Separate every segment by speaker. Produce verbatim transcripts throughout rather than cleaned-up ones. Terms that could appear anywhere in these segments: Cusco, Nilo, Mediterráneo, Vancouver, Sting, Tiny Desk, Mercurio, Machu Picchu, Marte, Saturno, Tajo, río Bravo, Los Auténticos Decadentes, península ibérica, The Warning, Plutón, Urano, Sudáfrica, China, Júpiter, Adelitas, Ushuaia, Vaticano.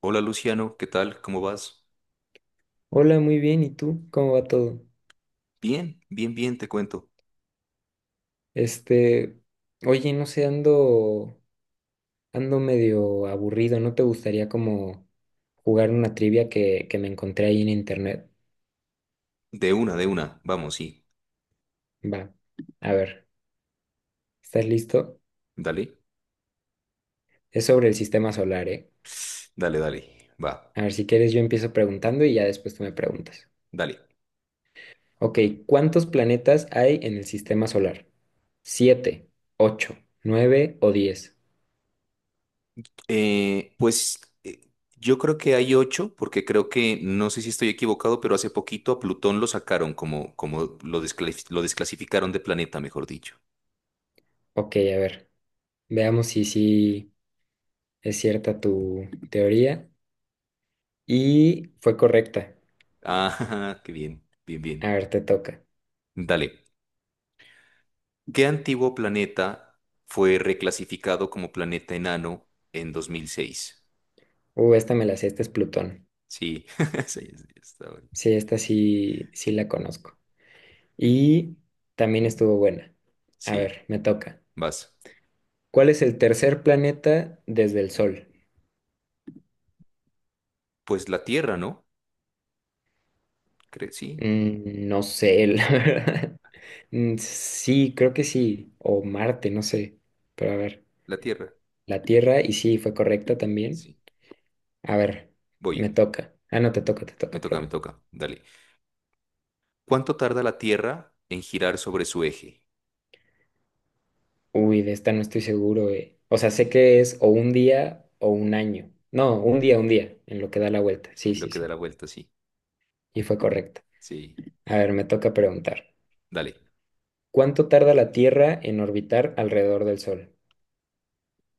Speaker 1: Hola Luciano, ¿qué tal? ¿Cómo vas?
Speaker 2: Hola, muy bien. ¿Y tú? ¿Cómo va todo?
Speaker 1: Bien, bien, bien, te cuento.
Speaker 2: Este, oye, no sé, ando, ando medio aburrido. ¿No te gustaría como jugar una trivia que, que me encontré ahí en internet?
Speaker 1: De una, de una, vamos, sí.
Speaker 2: Va, a ver, ¿estás listo?
Speaker 1: Dale,
Speaker 2: Es sobre el sistema solar, ¿eh?
Speaker 1: dale, dale, va,
Speaker 2: A ver, si quieres yo empiezo preguntando y ya después tú me preguntas.
Speaker 1: dale.
Speaker 2: Ok, ¿cuántos planetas hay en el sistema solar? ¿Siete, ocho, nueve o diez?
Speaker 1: Eh, pues eh, yo creo que hay ocho, porque creo que, no sé si estoy equivocado, pero hace poquito a Plutón lo sacaron como, como lo desclasi- lo desclasificaron de planeta, mejor dicho.
Speaker 2: Ok, a ver, veamos si sí es cierta tu teoría. Y fue correcta.
Speaker 1: Ah, qué bien, bien,
Speaker 2: A
Speaker 1: bien.
Speaker 2: ver, te toca.
Speaker 1: Dale. ¿Qué antiguo planeta fue reclasificado como planeta enano en dos mil seis?
Speaker 2: Uh, esta me la sé, esta es Plutón.
Speaker 1: Sí, sí, sí, está bueno.
Speaker 2: Sí, esta sí, sí la conozco. Y también estuvo buena. A
Speaker 1: Sí,
Speaker 2: ver, me toca.
Speaker 1: vas.
Speaker 2: ¿Cuál es el tercer planeta desde el Sol?
Speaker 1: Pues la tierra, ¿no? Cre- sí,
Speaker 2: Mm, no sé, la verdad. Mm, sí, creo que sí. O Marte, no sé. Pero a ver,
Speaker 1: la tierra.
Speaker 2: la Tierra, y sí, fue correcta también.
Speaker 1: Sí.
Speaker 2: A ver,
Speaker 1: Voy.
Speaker 2: me toca. Ah, no, te toca, te
Speaker 1: Me
Speaker 2: toca,
Speaker 1: toca, me
Speaker 2: perdón.
Speaker 1: toca. Dale. ¿Cuánto tarda la tierra en girar sobre su eje?
Speaker 2: Uy, de esta no estoy seguro, eh. O sea, sé que es o un día o un año. No, un día, un día, en lo que da la vuelta. Sí,
Speaker 1: Lo
Speaker 2: sí,
Speaker 1: que da
Speaker 2: sí.
Speaker 1: la vuelta, sí.
Speaker 2: Y fue correcto.
Speaker 1: Sí.
Speaker 2: A ver, me toca preguntar.
Speaker 1: Dale.
Speaker 2: ¿Cuánto tarda la Tierra en orbitar alrededor del Sol?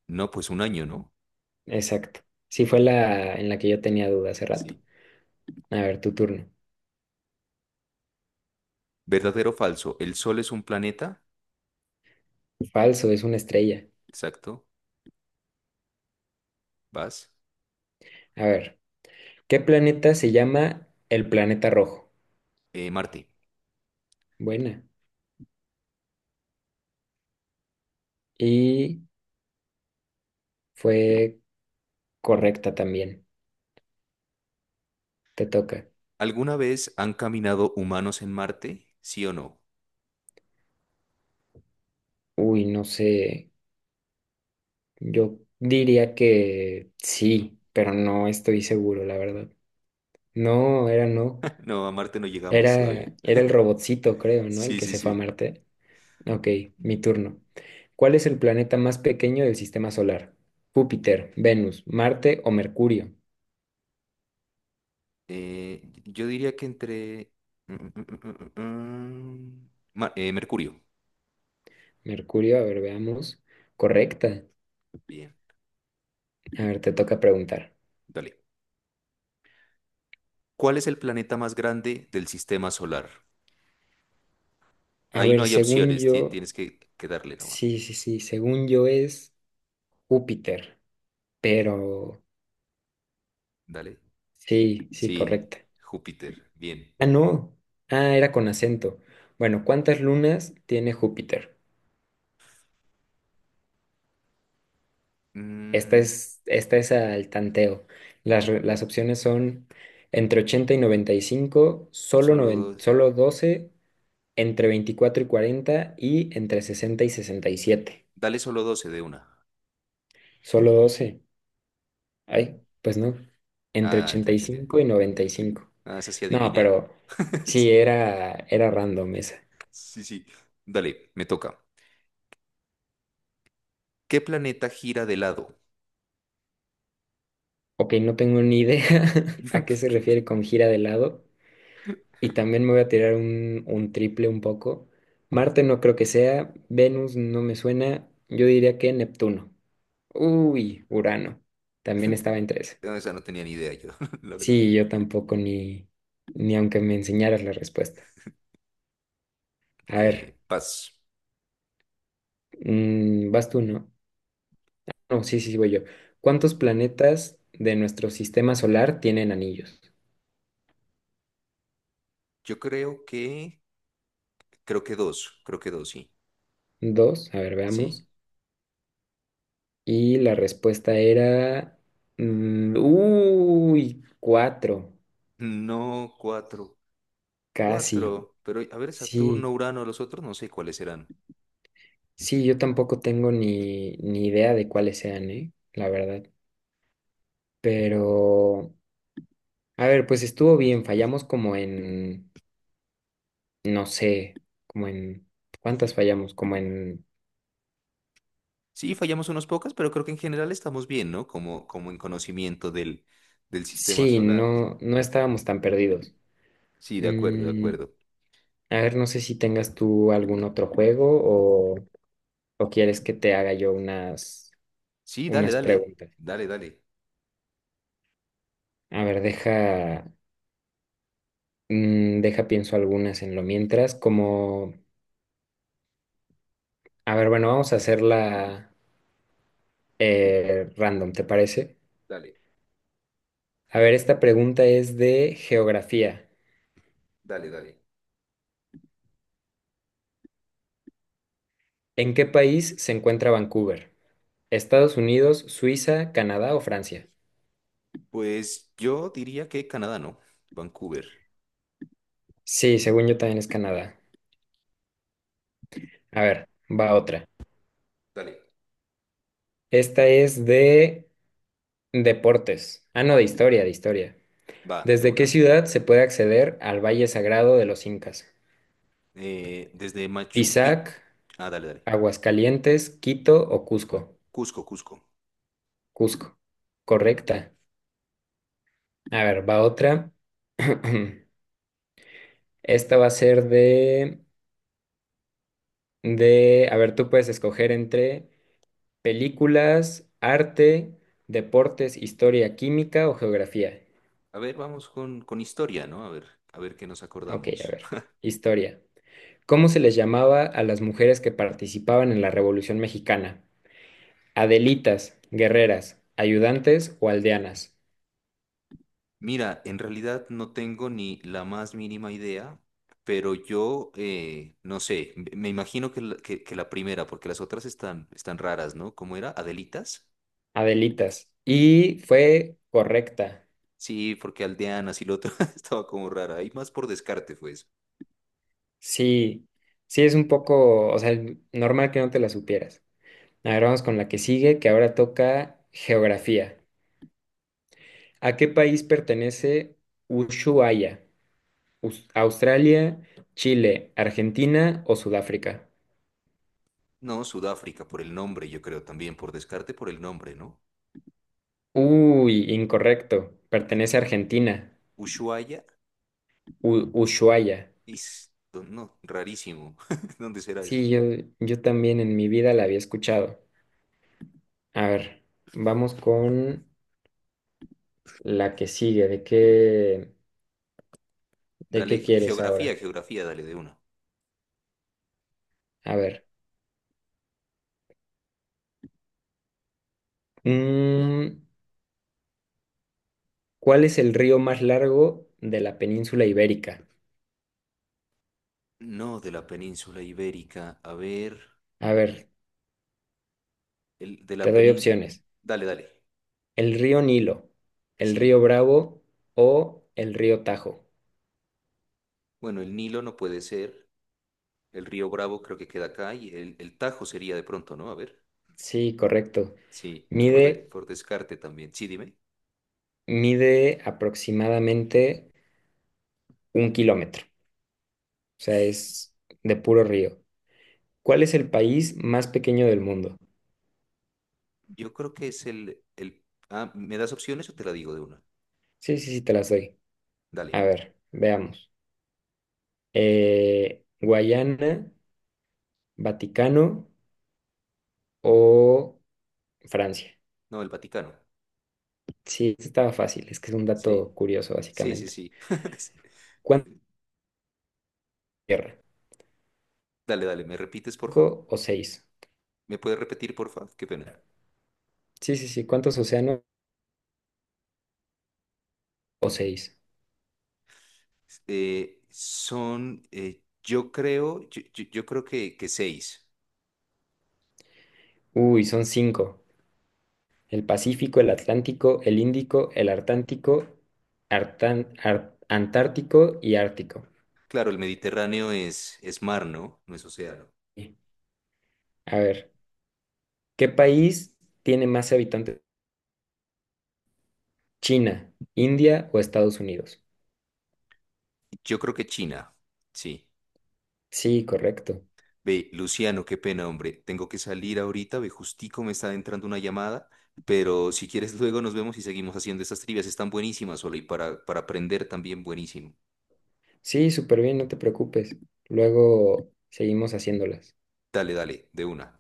Speaker 1: No, pues un año, ¿no?
Speaker 2: Exacto. Sí, fue la en la que yo tenía duda hace rato.
Speaker 1: Sí.
Speaker 2: A ver, tu turno.
Speaker 1: ¿Verdadero o falso? ¿El Sol es un planeta?
Speaker 2: Falso, es una estrella.
Speaker 1: Exacto. Vas.
Speaker 2: A ver, ¿qué planeta se llama el planeta rojo?
Speaker 1: Eh, Marte.
Speaker 2: Buena. Y fue correcta también. Te toca.
Speaker 1: ¿Alguna vez han caminado humanos en Marte? ¿Sí o no?
Speaker 2: Uy, no sé. Yo diría que sí, pero no estoy seguro, la verdad. No, era no.
Speaker 1: No, a Marte no llegamos todavía.
Speaker 2: Era, era el robotcito, creo, ¿no? El
Speaker 1: Sí,
Speaker 2: que
Speaker 1: sí,
Speaker 2: se fue a
Speaker 1: sí.
Speaker 2: Marte. Ok, mi turno. ¿Cuál es el planeta más pequeño del sistema solar? Júpiter, Venus, Marte o Mercurio.
Speaker 1: Eh, yo diría que entre... mm, mm, mm, mm, mm, mm, Ma- eh, Mercurio.
Speaker 2: Mercurio, a ver, veamos. Correcta.
Speaker 1: Bien,
Speaker 2: A ver, te toca preguntar.
Speaker 1: dale. ¿Cuál es el planeta más grande del sistema solar?
Speaker 2: A
Speaker 1: Ahí no
Speaker 2: ver,
Speaker 1: hay
Speaker 2: según
Speaker 1: opciones, ti-
Speaker 2: yo,
Speaker 1: tienes que, que darle nomás.
Speaker 2: sí, sí, sí, según yo es Júpiter, pero
Speaker 1: Dale.
Speaker 2: sí, sí,
Speaker 1: Sí,
Speaker 2: correcta.
Speaker 1: Júpiter. Bien.
Speaker 2: Ah, no. Ah, era con acento. Bueno, ¿cuántas lunas tiene Júpiter? Esta
Speaker 1: Mm,
Speaker 2: es, esta es al tanteo. Las, re- las opciones son entre ochenta y noventa y cinco, solo,
Speaker 1: Solo
Speaker 2: noven-
Speaker 1: dos.
Speaker 2: solo doce, entre veinticuatro y cuarenta y entre sesenta y sesenta y siete.
Speaker 1: Dale solo doce de una.
Speaker 2: Solo doce. Ay, pues no. Entre
Speaker 1: Ah, entre
Speaker 2: ochenta y
Speaker 1: ochenta. y-
Speaker 2: cinco y y noventa y cinco.
Speaker 1: Ah, esa sí
Speaker 2: No,
Speaker 1: adiviné.
Speaker 2: pero sí, era, era random esa.
Speaker 1: Sí, sí. Dale, me toca. ¿Qué planeta gira de lado?
Speaker 2: Ok, no tengo ni idea a qué se refiere con gira de lado. Y también me voy a tirar un, un triple un poco. Marte no creo que sea, Venus no me suena, yo diría que Neptuno. Uy, Urano. También estaba entre eso.
Speaker 1: Esa no tenía ni idea yo, la verdad.
Speaker 2: Sí, yo tampoco, ni, ni aunque me enseñaras la respuesta. A
Speaker 1: Eh,
Speaker 2: ver,
Speaker 1: paz.
Speaker 2: mm, vas tú, ¿no? No, sí, sí, sí, voy yo. ¿Cuántos planetas de nuestro sistema solar tienen anillos?
Speaker 1: Yo creo que, creo que dos, creo que dos, sí,
Speaker 2: Dos, a ver,
Speaker 1: sí.
Speaker 2: veamos. Y la respuesta era... mm, uy, cuatro,
Speaker 1: No cuatro,
Speaker 2: casi.
Speaker 1: cuatro, pero a ver,
Speaker 2: Sí,
Speaker 1: Saturno, Urano, los otros no sé cuáles serán.
Speaker 2: sí, yo tampoco tengo ni, ni idea de cuáles sean, ¿eh? La verdad. Pero, a ver, pues estuvo bien, fallamos como en, no sé, como en, ¿cuántas fallamos? Como en,
Speaker 1: Sí, fallamos unos pocas, pero creo que en general estamos bien, ¿no? Como, como en conocimiento del, del sistema
Speaker 2: sí,
Speaker 1: solar.
Speaker 2: no, no estábamos tan perdidos.
Speaker 1: Sí, de acuerdo, de
Speaker 2: Mm,
Speaker 1: acuerdo.
Speaker 2: a ver, no sé si tengas tú algún otro juego o, o quieres que te haga yo unas,
Speaker 1: Sí, dale,
Speaker 2: unas
Speaker 1: dale,
Speaker 2: preguntas.
Speaker 1: dale, dale,
Speaker 2: A ver, deja, mm, deja pienso algunas en lo mientras, como... A ver, bueno, vamos a hacerla eh, random, ¿te parece?
Speaker 1: dale,
Speaker 2: A ver, esta pregunta es de geografía.
Speaker 1: dale, dale.
Speaker 2: ¿En qué país se encuentra Vancouver? ¿Estados Unidos, Suiza, Canadá o Francia?
Speaker 1: Pues yo diría que Canadá, ¿no? Vancouver.
Speaker 2: Sí, según yo también es Canadá. A ver, va otra.
Speaker 1: Dale,
Speaker 2: Esta es de deportes. Ah, no, de historia, de historia.
Speaker 1: va, de
Speaker 2: ¿Desde qué
Speaker 1: una.
Speaker 2: ciudad se puede acceder al Valle Sagrado de los Incas?
Speaker 1: Eh, desde Machu
Speaker 2: ¿Pisac,
Speaker 1: Picchu. Ah, dale, dale.
Speaker 2: Aguascalientes, Quito o Cusco?
Speaker 1: Cusco, Cusco.
Speaker 2: Cusco. Correcta. A ver, va otra. Esta va a ser de, de, a ver, tú puedes escoger entre películas, arte, deportes, historia, química o geografía.
Speaker 1: A ver, vamos con, con historia, ¿no? A ver, a ver qué nos
Speaker 2: Ok, a
Speaker 1: acordamos.
Speaker 2: ver, historia. ¿Cómo se les llamaba a las mujeres que participaban en la Revolución Mexicana? Adelitas, guerreras, ayudantes o aldeanas.
Speaker 1: Mira, en realidad no tengo ni la más mínima idea, pero yo, eh, no sé, me me imagino que la, que, que la primera, porque las otras están, están raras, ¿no? ¿Cómo era? ¿Adelitas?
Speaker 2: Adelitas. Y fue correcta.
Speaker 1: Sí, porque aldeanas y lo otro estaba como rara. Y más por descarte fue eso.
Speaker 2: Sí, sí es un poco, o sea, normal que no te la supieras. A ver, vamos con la que sigue, que ahora toca geografía. ¿A qué país pertenece Ushuaia? Us- ¿Australia, Chile, Argentina o Sudáfrica?
Speaker 1: No, Sudáfrica, por el nombre, yo creo también, por descarte, por el nombre, ¿no?
Speaker 2: Uy, incorrecto.
Speaker 1: De-
Speaker 2: Pertenece a Argentina.
Speaker 1: Ushuaia,
Speaker 2: U- Ushuaia.
Speaker 1: is, no, no, rarísimo. ¿Dónde será eso?
Speaker 2: Sí, yo, yo también en mi vida la había escuchado. A ver, vamos con la que sigue. ¿De qué, de
Speaker 1: Dale,
Speaker 2: qué
Speaker 1: ge-
Speaker 2: quieres
Speaker 1: geografía,
Speaker 2: ahora?
Speaker 1: geografía, dale de una.
Speaker 2: A ver. mm, ¿Cuál es el río más largo de la península ibérica?
Speaker 1: No, de la península ibérica. A ver,
Speaker 2: A ver,
Speaker 1: el, de
Speaker 2: te
Speaker 1: la
Speaker 2: doy
Speaker 1: península.
Speaker 2: opciones.
Speaker 1: Dale, dale.
Speaker 2: El río Nilo, el
Speaker 1: Sí.
Speaker 2: río Bravo o el río Tajo.
Speaker 1: Bueno, el Nilo no puede ser. El río Bravo creo que queda acá y el, el Tajo sería de pronto, ¿no? A ver.
Speaker 2: Sí, correcto.
Speaker 1: Sí, por, de-
Speaker 2: Mide,
Speaker 1: por descarte también. Sí, dime.
Speaker 2: mide aproximadamente un kilómetro. O sea, es de puro río. ¿Cuál es el país más pequeño del mundo?
Speaker 1: Yo creo que es el, el... Ah, ¿me das opciones o te la digo de una?
Speaker 2: Sí, sí, sí, te las doy.
Speaker 1: Dale.
Speaker 2: A ver, veamos. Eh, Guayana, Vaticano o Francia.
Speaker 1: No, el Vaticano.
Speaker 2: Sí, estaba fácil. Es que es un
Speaker 1: Sí.
Speaker 2: dato curioso,
Speaker 1: Sí, sí,
Speaker 2: básicamente.
Speaker 1: sí.
Speaker 2: ¿Cuánta tierra?
Speaker 1: Dale, dale. ¿Me repites,
Speaker 2: ¿Cinco
Speaker 1: porfa?
Speaker 2: o seis?
Speaker 1: ¿Me puedes repetir, porfa? Qué pena.
Speaker 2: Sí, sí, sí. ¿Cuántos océanos o seis?
Speaker 1: eh, son, eh, yo creo, yo, yo- yo creo que, que seis.
Speaker 2: Uy, son cinco. El Pacífico, el Atlántico, el Índico, el Artántico, Artán- Ar- Antártico y Ártico.
Speaker 1: Claro, el Mediterráneo es, es mar, ¿no? No es océano.
Speaker 2: Sí. A ver, ¿qué país tiene más habitantes? ¿China, India o Estados Unidos?
Speaker 1: Yo creo que China, sí.
Speaker 2: Sí, correcto.
Speaker 1: Ve, Luciano, qué pena, hombre. Tengo que salir ahorita, ve, justico me está entrando una llamada, pero si quieres luego nos vemos y seguimos haciendo estas trivias. Están buenísimas, Ole, y para, para aprender también buenísimo.
Speaker 2: Sí, súper bien, no te preocupes. Luego seguimos haciéndolas.
Speaker 1: Dale, dale, de una.